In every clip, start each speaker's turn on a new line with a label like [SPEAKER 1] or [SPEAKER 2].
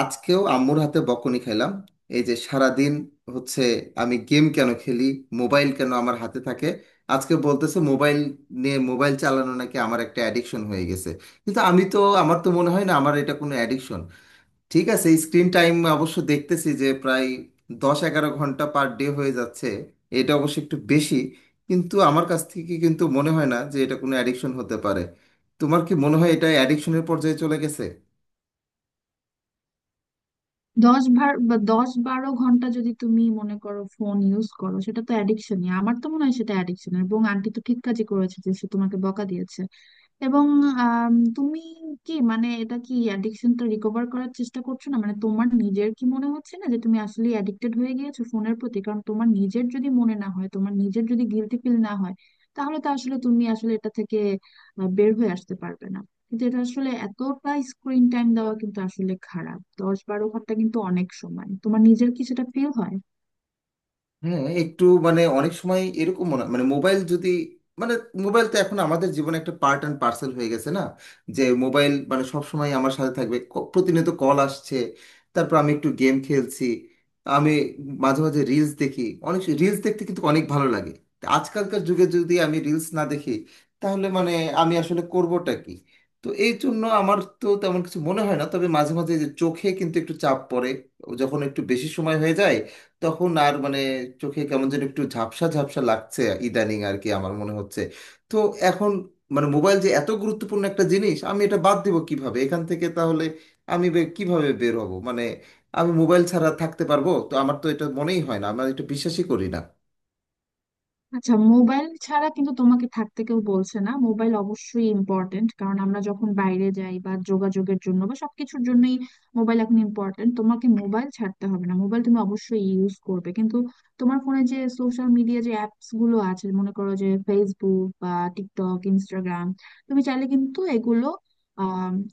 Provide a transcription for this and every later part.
[SPEAKER 1] আজকেও আম্মুর হাতে বকুনি খেলাম। এই যে সারাদিন হচ্ছে আমি গেম কেন খেলি, মোবাইল কেন আমার হাতে থাকে। আজকে বলতেছে মোবাইল নিয়ে, মোবাইল চালানো নাকি আমার একটা অ্যাডিকশন হয়ে গেছে। কিন্তু আমি তো আমার তো মনে হয় না আমার এটা কোনো অ্যাডিকশন। ঠিক আছে, স্ক্রিন টাইম অবশ্য দেখতেছি যে প্রায় 10-11 ঘন্টা পার ডে হয়ে যাচ্ছে। এটা অবশ্য একটু বেশি, কিন্তু আমার কাছ থেকে কিন্তু মনে হয় না যে এটা কোনো অ্যাডিকশন হতে পারে। তোমার কি মনে হয় এটা অ্যাডিকশনের পর্যায়ে চলে গেছে?
[SPEAKER 2] দশ ভার বা দশ বারো ঘন্টা যদি তুমি মনে করো ফোন ইউজ করো, সেটা তো অ্যাডিকশনই। আমার তো মনে হয় সেটা অ্যাডিকশন, এবং আন্টি তো ঠিক কাজই করেছে যে সে তোমাকে বকা দিয়েছে। এবং তুমি কি মানে এটা কি অ্যাডিকশনটা রিকভার করার চেষ্টা করছো? না মানে তোমার নিজের কি মনে হচ্ছে না যে তুমি আসলে অ্যাডিক্টেড হয়ে গিয়েছো ফোনের প্রতি? কারণ তোমার নিজের যদি মনে না হয়, তোমার নিজের যদি গিলটি ফিল না হয়, তাহলে তো আসলে তুমি আসলে এটা থেকে বের হয়ে আসতে পারবে না। কিন্তু এটা আসলে এতটা স্ক্রিন টাইম দেওয়া কিন্তু আসলে খারাপ। 10-12 ঘন্টা কিন্তু অনেক সময়, তোমার নিজের কি সেটা ফিল হয়?
[SPEAKER 1] হ্যাঁ একটু, মানে অনেক সময় এরকম মনে, মানে মোবাইল যদি, মানে মোবাইল তো এখন আমাদের জীবনে একটা পার্ট অ্যান্ড পার্সেল হয়ে গেছে না, যে মোবাইল মানে সব সময় আমার সাথে থাকবে, প্রতিনিয়ত কল আসছে, তারপর আমি একটু গেম খেলছি, আমি মাঝে মাঝে রিলস দেখি। অনেক রিলস দেখতে কিন্তু অনেক ভালো লাগে। তা আজকালকার যুগে যদি আমি রিলস না দেখি তাহলে মানে আমি আসলে করবোটা কি? তো এই জন্য আমার তো তেমন কিছু মনে হয় না, তবে মাঝে মাঝে যে চোখে কিন্তু একটু চাপ পড়ে যখন একটু বেশি সময় হয়ে যায়, তখন আর মানে চোখে কেমন যেন একটু ঝাপসা ঝাপসা লাগছে ইদানিং আর কি আমার মনে হচ্ছে। তো এখন মানে মোবাইল যে এত গুরুত্বপূর্ণ একটা জিনিস, আমি এটা বাদ দেবো কিভাবে এখান থেকে তাহলে? আমি কিভাবে বের হব মানে? আমি মোবাইল ছাড়া থাকতে পারবো তো আমার তো এটা মনেই হয় না, আমি এটা বিশ্বাসই করি না।
[SPEAKER 2] আচ্ছা মোবাইল ছাড়া কিন্তু তোমাকে থাকতে কেউ বলছে না। মোবাইল অবশ্যই ইম্পর্টেন্ট, কারণ আমরা যখন বাইরে যাই বা যোগাযোগের জন্য বা সবকিছুর জন্যই মোবাইল এখন ইম্পর্টেন্ট। তোমাকে মোবাইল ছাড়তে হবে না, মোবাইল তুমি অবশ্যই ইউজ করবে, কিন্তু তোমার ফোনে যে সোশ্যাল মিডিয়া যে অ্যাপস গুলো আছে, মনে করো যে ফেসবুক বা টিকটক, ইনস্টাগ্রাম, তুমি চাইলে কিন্তু এগুলো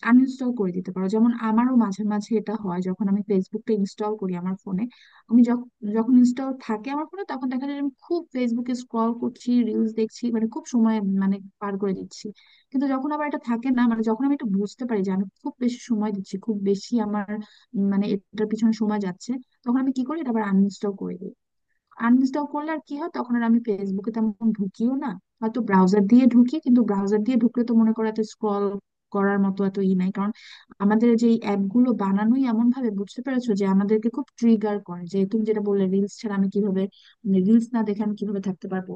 [SPEAKER 2] আনইনস্টল করে দিতে পারো। যেমন আমারও মাঝে মাঝে এটা হয়, যখন আমি ফেসবুকটা ইনস্টল করি আমার ফোনে, আমি যখ- যখন ইনস্টল থাকে আমার ফোনে, তখন দেখা যায় যে আমি খুব ফেসবুকে স্ক্রল করছি, রিলস দেখছি, মানে খুব সময় মানে পার করে দিচ্ছি। কিন্তু যখন আবার এটা থাকে না, মানে যখন আমি এটা বুঝতে পারি যে আমি খুব বেশি সময় দিচ্ছি, খুব বেশি আমার মানে এটার পিছনে সময় যাচ্ছে, তখন আমি কি করি, এটা আবার আনইনস্টল করে দিই। আনইনস্টল করলে আর কি হয়, তখন আর আমি ফেসবুকে তেমন ঢুকিও না। হয়তো ব্রাউজার দিয়ে ঢুকি, কিন্তু ব্রাউজার দিয়ে ঢুকলে তো মনে করো এত স্ক্রল করার মতো এত ই নাই, কারণ আমাদের যে অ্যাপ গুলো বানানোই এমন ভাবে, বুঝতে পেরেছো, যে আমাদেরকে খুব ট্রিগার করে। যে তুমি যেটা বললে, রিলস ছাড়া আমি কিভাবে, রিলস না দেখে আমি কিভাবে থাকতে পারবো,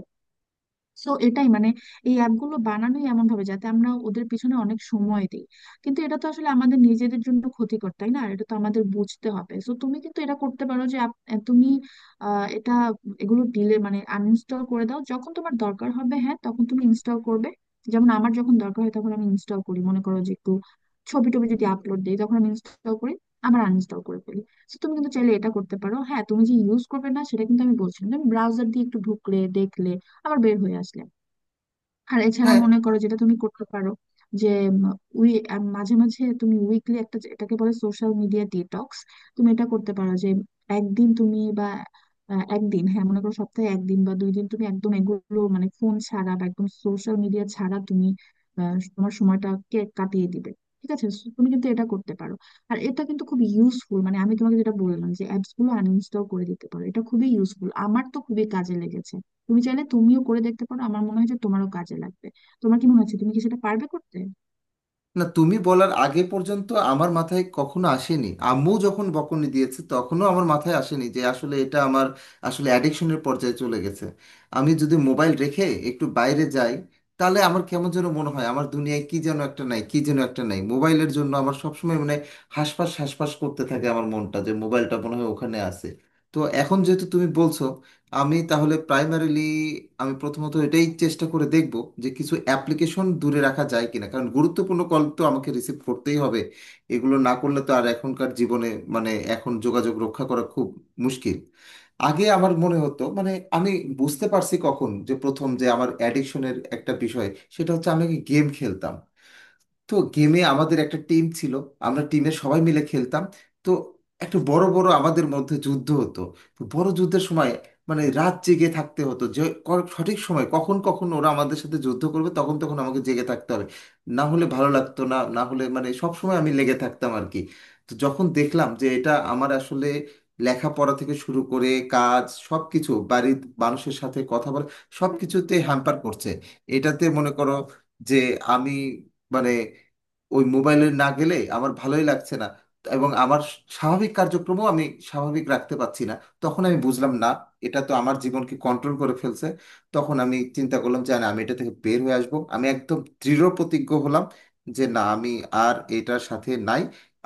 [SPEAKER 2] সো এটাই মানে এই অ্যাপগুলো বানানোই এমন ভাবে, যাতে আমরা ওদের পিছনে অনেক সময় দিই। কিন্তু এটা তো আসলে আমাদের নিজেদের জন্য ক্ষতিকর, তাই না? এটা তো আমাদের বুঝতে হবে। সো তুমি কিন্তু এটা করতে পারো যে তুমি আহ, এটা এগুলো ডিলে মানে আনইনস্টল করে দাও, যখন তোমার দরকার হবে, হ্যাঁ, তখন তুমি ইনস্টল করবে। যেমন আমার যখন দরকার হয় তখন আমি ইনস্টল করি, মনে করো যে একটু ছবি টবি যদি আপলোড দিই, তখন আমি ইনস্টল করি, আবার আনইনস্টল করে ফেলি। তো তুমি কিন্তু চাইলে এটা করতে পারো। হ্যাঁ, তুমি যে ইউজ করবে না সেটা কিন্তু আমি বলছি না। তুমি ব্রাউজার দিয়ে একটু ঢুকলে, দেখলে, আবার বের হয়ে আসলে। আর এছাড়া
[SPEAKER 1] হ্যাঁ,
[SPEAKER 2] মনে করো যেটা তুমি করতে পারো, যে উম, মাঝে মাঝে তুমি উইকলি একটা এটাকে বলে সোশ্যাল মিডিয়া ডিটক্স, তুমি এটা করতে পারো যে একদিন তুমি বা একদিন, হ্যাঁ মনে করো সপ্তাহে একদিন বা 2 দিন তুমি একদম এগুলো মানে ফোন ছাড়া বা একদম সোশ্যাল মিডিয়া ছাড়া তুমি তোমার সময়টাকে কাটিয়ে দিবে। ঠিক আছে, so তুমি কিন্তু এটা করতে পারো, আর এটা কিন্তু খুব ইউজফুল। মানে আমি তোমাকে যেটা বললাম যে অ্যাপস গুলো আনইনস্টল করে দিতে পারো, এটা খুবই ইউজফুল, আমার তো খুবই কাজে লেগেছে। তুমি চাইলে তুমিও করে দেখতে পারো, আমার মনে হয় যে তোমারও কাজে লাগবে। তোমার কি মনে হচ্ছে, তুমি কি সেটা পারবে করতে?
[SPEAKER 1] না তুমি বলার আগে পর্যন্ত আমার মাথায় কখনো আসেনি, আম্মু যখন বকুনি দিয়েছে তখনও আমার মাথায় আসেনি যে আসলে এটা আমার আসলে অ্যাডিকশনের পর্যায়ে চলে গেছে। আমি যদি মোবাইল রেখে একটু বাইরে যাই, তাহলে আমার কেমন যেন মনে হয় আমার দুনিয়ায় কি যেন একটা নাই, কি যেন একটা নাই, মোবাইলের জন্য আমার সবসময় মানে হাঁসফাঁস হাঁসফাঁস করতে থাকে আমার মনটা, যে মোবাইলটা মনে হয় ওখানে আছে। তো এখন যেহেতু তুমি বলছো, আমি তাহলে প্রাইমারিলি, আমি প্রথমত এটাই চেষ্টা করে দেখব যে কিছু অ্যাপ্লিকেশন দূরে রাখা যায় কিনা, কারণ গুরুত্বপূর্ণ কল তো আমাকে রিসিভ করতেই হবে, এগুলো না করলে তো আর এখনকার জীবনে, মানে এখন যোগাযোগ রক্ষা করা খুব মুশকিল। আগে আমার মনে হতো মানে আমি বুঝতে পারছি কখন যে প্রথম যে আমার অ্যাডিকশনের একটা বিষয়, সেটা হচ্ছে আমি গেম খেলতাম। তো গেমে আমাদের একটা টিম ছিল, আমরা টিমে সবাই মিলে খেলতাম। তো একটা বড় বড় আমাদের মধ্যে যুদ্ধ হতো। তো বড় যুদ্ধের সময় মানে রাত জেগে থাকতে হতো যে সঠিক সময় কখন কখন ওরা আমাদের সাথে যুদ্ধ করবে, তখন তখন আমাকে জেগে থাকতে হবে। না হলে ভালো লাগতো না, না হলে মানে সব সময় আমি লেগে থাকতাম আর কি। তো যখন দেখলাম যে এটা আমার আসলে লেখাপড়া থেকে শুরু করে কাজ সব কিছু, বাড়ির মানুষের সাথে কথা বলা, সব কিছুতে হ্যাম্পার করছে, এটাতে মনে করো যে আমি মানে ওই মোবাইলে না গেলে আমার ভালোই লাগছে না, এবং আমার স্বাভাবিক কার্যক্রমও আমি স্বাভাবিক রাখতে পারছি না, তখন আমি বুঝলাম না এটা তো আমার জীবনকে কন্ট্রোল করে ফেলছে। তখন আমি চিন্তা করলাম যে না, আমি এটা থেকে বের হয়ে আসব, আমি একদম দৃঢ় প্রতিজ্ঞ হলাম যে না আমি আর এটার সাথে নাই,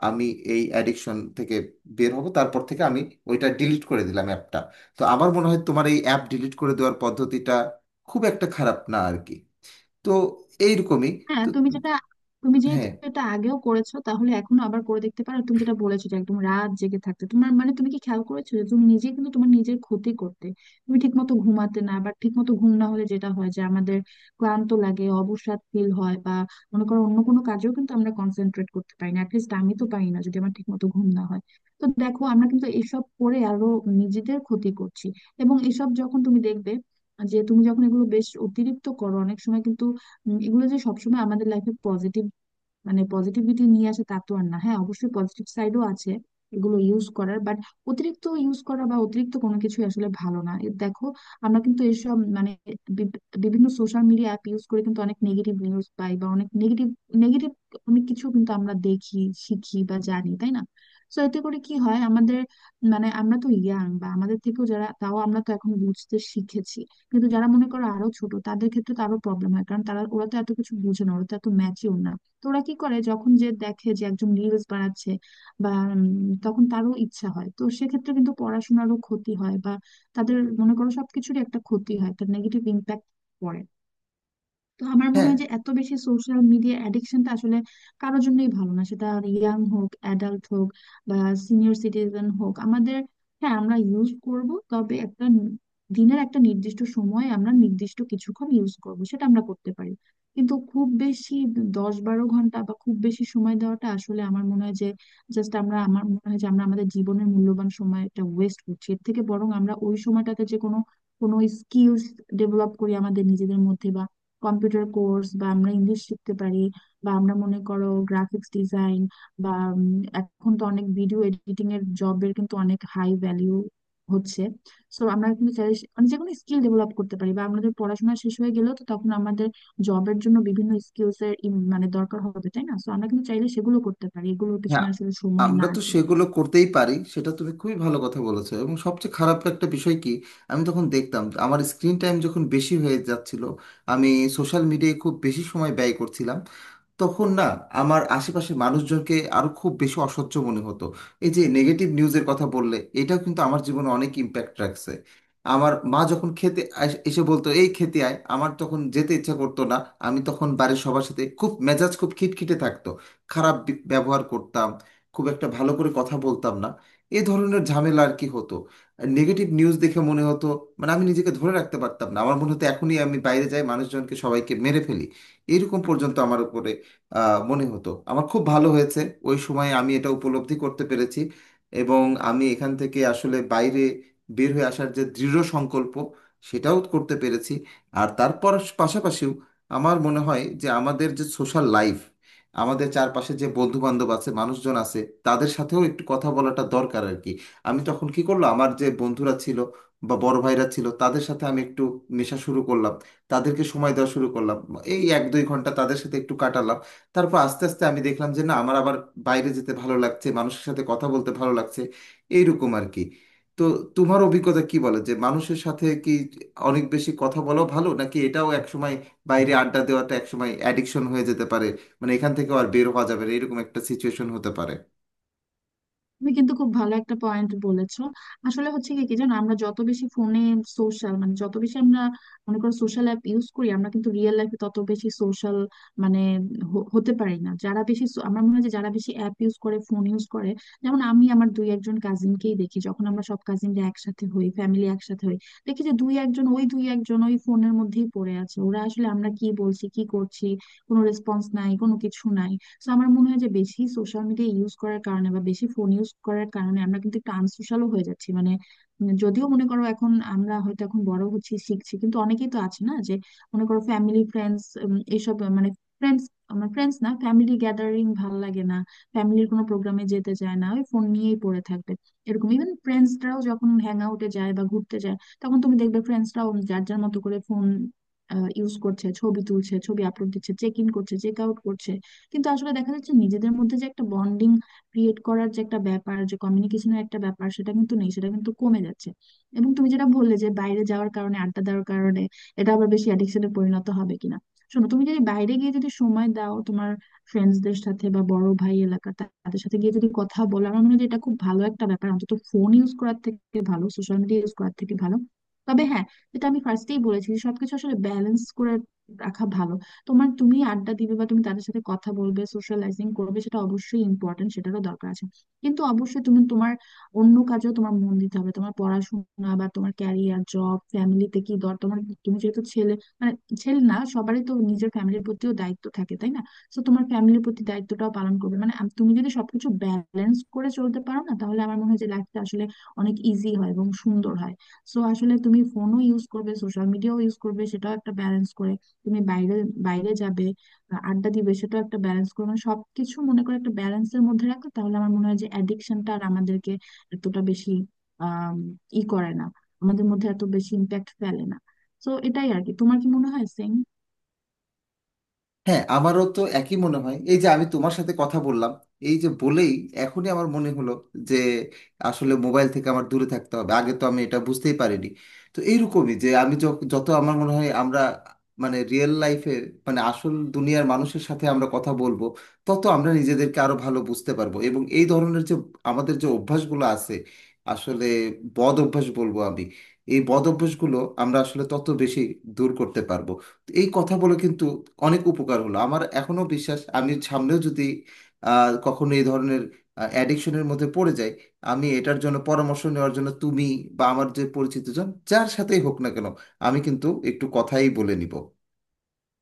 [SPEAKER 1] আমি এই অ্যাডিকশন থেকে বের হব। তারপর থেকে আমি ওইটা ডিলিট করে দিলাম, অ্যাপটা। তো আমার মনে হয় তোমার এই অ্যাপ ডিলিট করে দেওয়ার পদ্ধতিটা খুব একটা খারাপ না আর কি। তো এইরকমই।
[SPEAKER 2] হ্যাঁ
[SPEAKER 1] তো
[SPEAKER 2] তুমি যেটা, তুমি যেহেতু
[SPEAKER 1] হ্যাঁ,
[SPEAKER 2] এটা আগেও করেছো তাহলে এখনো আবার করে দেখতে পারো। তুমি যেটা বলেছো যে একদম রাত জেগে থাকতে তোমার, মানে তুমি কি খেয়াল করেছো যে তুমি নিজে কিন্তু তোমার নিজের ক্ষতি করতে? তুমি ঠিক মতো ঘুমাতে না বা ঠিক মতো ঘুম না হলে যেটা হয় যে আমাদের ক্লান্ত লাগে, অবসাদ ফিল হয় বা মনে করো অন্য কোনো কাজেও কিন্তু আমরা কনসেন্ট্রেট করতে পারি না, অ্যাটলিস্ট আমি তো পারি না যদি আমার ঠিক মতো ঘুম না হয়। তো দেখো, আমরা কিন্তু এসব করে আরো নিজেদের ক্ষতি করছি। এবং এসব যখন তুমি দেখবে, যে তুমি যখন এগুলো বেশ অতিরিক্ত করো, অনেক সময় কিন্তু এগুলো যে সবসময় আমাদের লাইফে পজিটিভ মানে পজিটিভিটি নিয়ে আসে তা তো আর না। হ্যাঁ অবশ্যই পজিটিভ সাইডও আছে এগুলো ইউজ করার, বাট অতিরিক্ত ইউজ করা বা অতিরিক্ত কোনো কিছু আসলে ভালো না। এ দেখো, আমরা কিন্তু এসব মানে বিভিন্ন সোশ্যাল মিডিয়া অ্যাপ ইউজ করে কিন্তু অনেক নেগেটিভ নিউজ পাই, বা অনেক নেগেটিভ, নেগেটিভ অনেক কিছু কিন্তু আমরা দেখি, শিখি বা জানি, তাই না? তো এতে করে কি হয় আমাদের, মানে আমরা তো ইয়াং বা আমাদের থেকেও যারা, তাও আমরা তো এখন বুঝতে শিখেছি, কিন্তু যারা মনে করো আরো ছোট তাদের ক্ষেত্রে তো আরো প্রবলেম হয়, কারণ তারা, ওরা তো এত কিছু বুঝে না, ওরা তো এত ম্যাচিওর না। তোরা কি করে, যখন যে দেখে যে একজন রিলস বানাচ্ছে বা উম, তখন তারও ইচ্ছা হয়, তো সেক্ষেত্রে কিন্তু পড়াশোনারও ক্ষতি হয় বা তাদের মনে করো সবকিছুরই একটা ক্ষতি হয়, তার নেগেটিভ ইম্প্যাক্ট পড়ে। তো আমার মনে
[SPEAKER 1] হ্যাঁ,
[SPEAKER 2] হয় যে এত বেশি সোশ্যাল মিডিয়া অ্যাডিকশনটা আসলে কারোর জন্যই ভালো না, সেটা ইয়াং হোক, অ্যাডাল্ট হোক, বা সিনিয়র সিটিজেন হোক। আমাদের, হ্যাঁ আমরা ইউজ করব, তবে দিনের একটা নির্দিষ্ট সময় আমরা নির্দিষ্ট কিছুক্ষণ ইউজ করব, সেটা আমরা করতে পারি। কিন্তু খুব বেশি 10-12 ঘন্টা বা খুব বেশি সময় দেওয়াটা আসলে আমার মনে হয় যে জাস্ট, আমার মনে হয় যে আমরা আমাদের জীবনের মূল্যবান সময়টা ওয়েস্ট করছি। এর থেকে বরং আমরা ওই সময়টাতে যে কোনো, কোনো স্কিলস ডেভেলপ করি আমাদের নিজেদের মধ্যে। কম্পিউটার কোর্স বা আমরা ইংলিশ শিখতে পারি, বা আমরা মনে করো গ্রাফিক্স ডিজাইন, বা এখন তো অনেক ভিডিও এডিটিং এর জবের কিন্তু অনেক হাই ভ্যালিউ হচ্ছে। সো আমরা কিন্তু চাই মানে যে কোনো স্কিল ডেভেলপ করতে পারি, বা আমাদের পড়াশোনা শেষ হয়ে গেলেও তো তখন আমাদের জবের জন্য বিভিন্ন মানে দরকার হবে, তাই না? সো আমরা কিন্তু চাইলে সেগুলো করতে পারি, এগুলোর পিছনে
[SPEAKER 1] হ্যাঁ,
[SPEAKER 2] আসলে সময়
[SPEAKER 1] আমরা
[SPEAKER 2] না
[SPEAKER 1] তো
[SPEAKER 2] দিয়ে।
[SPEAKER 1] সেগুলো করতেই পারি, সেটা তুমি খুবই ভালো কথা বলেছো। এবং সবচেয়ে খারাপ একটা বিষয় কি, আমি তখন দেখতাম যে আমার স্ক্রিন টাইম যখন বেশি হয়ে যাচ্ছিল, আমি সোশ্যাল মিডিয়ায় খুব বেশি সময় ব্যয় করছিলাম, তখন না আমার আশেপাশের মানুষজনকে আরো খুব বেশি অসহ্য মনে হতো। এই যে নেগেটিভ নিউজের কথা বললে, এটাও কিন্তু আমার জীবনে অনেক ইম্প্যাক্ট রাখছে। আমার মা যখন খেতে এসে বলতো এই খেতে আয়, আমার তখন যেতে ইচ্ছা করতো না। আমি তখন বাড়ির সবার সাথে খুব মেজাজ খুব খিটখিটে থাকতো, খারাপ ব্যবহার করতাম, খুব একটা ভালো করে কথা বলতাম না, এই ধরনের ঝামেলা আর কি হতো। নেগেটিভ নিউজ দেখে মনে হতো মানে আমি নিজেকে ধরে রাখতে পারতাম না, আমার মনে হতো এখনই আমি বাইরে যাই মানুষজনকে সবাইকে মেরে ফেলি, এইরকম পর্যন্ত আমার উপরে মনে হতো। আমার খুব ভালো হয়েছে ওই সময় আমি এটা উপলব্ধি করতে পেরেছি, এবং আমি এখান থেকে আসলে বাইরে বের হয়ে আসার যে দৃঢ় সংকল্প সেটাও করতে পেরেছি। আর তারপর পাশাপাশিও আমার মনে হয় যে আমাদের যে সোশ্যাল লাইফ, আমাদের চারপাশে যে বন্ধু বান্ধব আছে মানুষজন আছে, তাদের সাথেও একটু কথা বলাটা দরকার আর কি। আমি তখন কি করলো, আমার যে বন্ধুরা ছিল বা বড় ভাইরা ছিল তাদের সাথে আমি একটু মেশা শুরু করলাম, তাদেরকে সময় দেওয়া শুরু করলাম, এই 1-2 ঘন্টা তাদের সাথে একটু কাটালাম। তারপর আস্তে আস্তে আমি দেখলাম যে না আমার আবার বাইরে যেতে ভালো লাগছে, মানুষের সাথে কথা বলতে ভালো লাগছে, এইরকম আর কি। তো তোমার অভিজ্ঞতা কি বলে যে মানুষের সাথে কি অনেক বেশি কথা বলা ভালো, নাকি এটাও একসময়, বাইরে আড্ডা দেওয়াটা একসময় অ্যাডিকশন হয়ে যেতে পারে, মানে এখান থেকে আর বের হওয়া যাবে না এরকম একটা সিচুয়েশন হতে পারে?
[SPEAKER 2] তুমি কিন্তু খুব ভালো একটা পয়েন্ট বলেছো। আসলে হচ্ছে কি, কি জানো, আমরা যত বেশি ফোনে সোশ্যাল মানে যত বেশি আমরা মনে করো সোশ্যাল অ্যাপ ইউজ করি, আমরা কিন্তু রিয়েল লাইফে তত বেশি সোশ্যাল মানে হতে পারি না। যারা বেশি আমার মনে হয় যে যারা বেশি অ্যাপ ইউজ করে, ফোন ইউজ করে, যেমন আমি আমার দুই একজন কাজিনকেই দেখি, যখন আমরা সব কাজিনরা একসাথে হই, ফ্যামিলি একসাথে হই, দেখি যে দুই একজন ওই, দুই একজন ওই ফোনের মধ্যেই পড়ে আছে। ওরা আসলে আমরা কি বলছি কি করছি কোনো রেসপন্স নাই, কোনো কিছু নাই। তো আমার মনে হয় যে বেশি সোশ্যাল মিডিয়া ইউজ করার কারণে বা বেশি ফোন ইউজ করার কারণে আমরা কিন্তু একটু আনসোশ্যালও হয়ে যাচ্ছি, মানে যদিও মনে করো এখন আমরা হয়তো এখন বড় হচ্ছি, শিখছি, কিন্তু অনেকেই তো আছে না, যে মনে করো ফ্যামিলি ফ্রেন্ডস, এইসব মানে ফ্রেন্ডস, আমার ফ্রেন্ডস না ফ্যামিলি গ্যাদারিং ভাল লাগে না, ফ্যামিলির কোনো প্রোগ্রামে যেতে চায় না, ওই ফোন নিয়েই পড়ে থাকবে। এরকম, ইভেন ফ্রেন্ডসরাও যখন হ্যাং আউটে যায় বা ঘুরতে যায়, তখন তুমি দেখবে ফ্রেন্ডসরাও যার যার মতো করে ফোন ইউজ করছে, ছবি তুলছে, ছবি আপলোড দিচ্ছে, চেক ইন করছে, চেক আউট করছে, কিন্তু আসলে দেখা যাচ্ছে নিজেদের মধ্যে যে একটা বন্ডিং ক্রিয়েট করার যে একটা ব্যাপার, যে কমিউনিকেশনের একটা ব্যাপার, সেটা কিন্তু নেই, সেটা কিন্তু কমে যাচ্ছে। এবং তুমি যেটা বললে যে বাইরে যাওয়ার কারণে, আড্ডা দেওয়ার কারণে এটা আবার বেশি অ্যাডিকশনে পরিণত হবে কিনা, শোনো তুমি যদি বাইরে গিয়ে যদি সময় দাও তোমার ফ্রেন্ডসদের সাথে, বা বড় ভাই এলাকার তাদের সাথে গিয়ে যদি কথা বলো, আমার মনে হয় যে এটা খুব ভালো একটা ব্যাপার, অন্তত ফোন ইউজ করার থেকে ভালো, সোশ্যাল মিডিয়া ইউজ করার থেকে ভালো। তবে হ্যাঁ, যেটা আমি ফার্স্টেই বলেছি, যে সবকিছু আসলে ব্যালেন্স করে রাখা ভালো। তোমার, তুমি আড্ডা দিবে বা তুমি তাদের সাথে কথা বলবে, সোশ্যালাইজিং করবে, সেটা অবশ্যই ইম্পর্টেন্ট, সেটারও দরকার আছে, কিন্তু অবশ্যই তুমি তোমার অন্য কাজেও তোমার মন দিতে হবে। তোমার পড়াশোনা বা তোমার ক্যারিয়ার, জব, ফ্যামিলিতে কি দর তোমার, তুমি যেহেতু ছেলে মানে ছেলে না, সবারই তো নিজের ফ্যামিলির প্রতিও দায়িত্ব থাকে, তাই না? তো তোমার ফ্যামিলির প্রতি দায়িত্বটাও পালন করবে। মানে তুমি যদি সবকিছু ব্যালেন্স করে চলতে পারো না, তাহলে আমার মনে হয় যে লাইফটা আসলে অনেক ইজি হয় এবং সুন্দর হয়। সো আসলে তুমি ফোনও ইউজ করবে, সোশ্যাল মিডিয়াও ইউজ করবে, সেটাও একটা ব্যালেন্স করে, তুমি বাইরে বাইরে যাবে, আড্ডা দিবে, সেটাও একটা ব্যালেন্স করবে। মানে সবকিছু মনে করে একটা ব্যালেন্সের মধ্যে রাখো, তাহলে আমার মনে হয় যে অ্যাডিকশনটা আর আমাদেরকে এতটা বেশি আহ ই করে না, আমাদের মধ্যে এত বেশি ইম্প্যাক্ট ফেলে না। তো এটাই আর কি। তোমার কি মনে হয়, সেম?
[SPEAKER 1] হ্যাঁ, আমারও তো একই মনে হয়। এই যে আমি তোমার সাথে কথা বললাম, এই যে বলেই এখনই আমার মনে হলো যে আসলে মোবাইল থেকে আমার দূরে থাকতে হবে, আগে তো আমি এটা বুঝতেই পারিনি। তো এইরকমই যে আমি যত আমার মনে হয় আমরা মানে রিয়েল লাইফে, মানে আসল দুনিয়ার মানুষের সাথে আমরা কথা বলবো, তত আমরা নিজেদেরকে আরো ভালো বুঝতে পারবো, এবং এই ধরনের যে আমাদের যে অভ্যাসগুলো আছে, আসলে বদ অভ্যাস বলবো আমি, এই বদ অভ্যাসগুলো আমরা আসলে তত বেশি দূর করতে পারবো। এই কথা বলে কিন্তু অনেক উপকার হলো আমার। এখনো বিশ্বাস আমি সামনেও যদি কখনো এই ধরনের অ্যাডিকশনের মধ্যে পড়ে যাই, আমি এটার জন্য পরামর্শ নেওয়ার জন্য তুমি বা আমার যে পরিচিতজন যার সাথেই হোক না কেন, আমি কিন্তু একটু কথাই বলে নিব।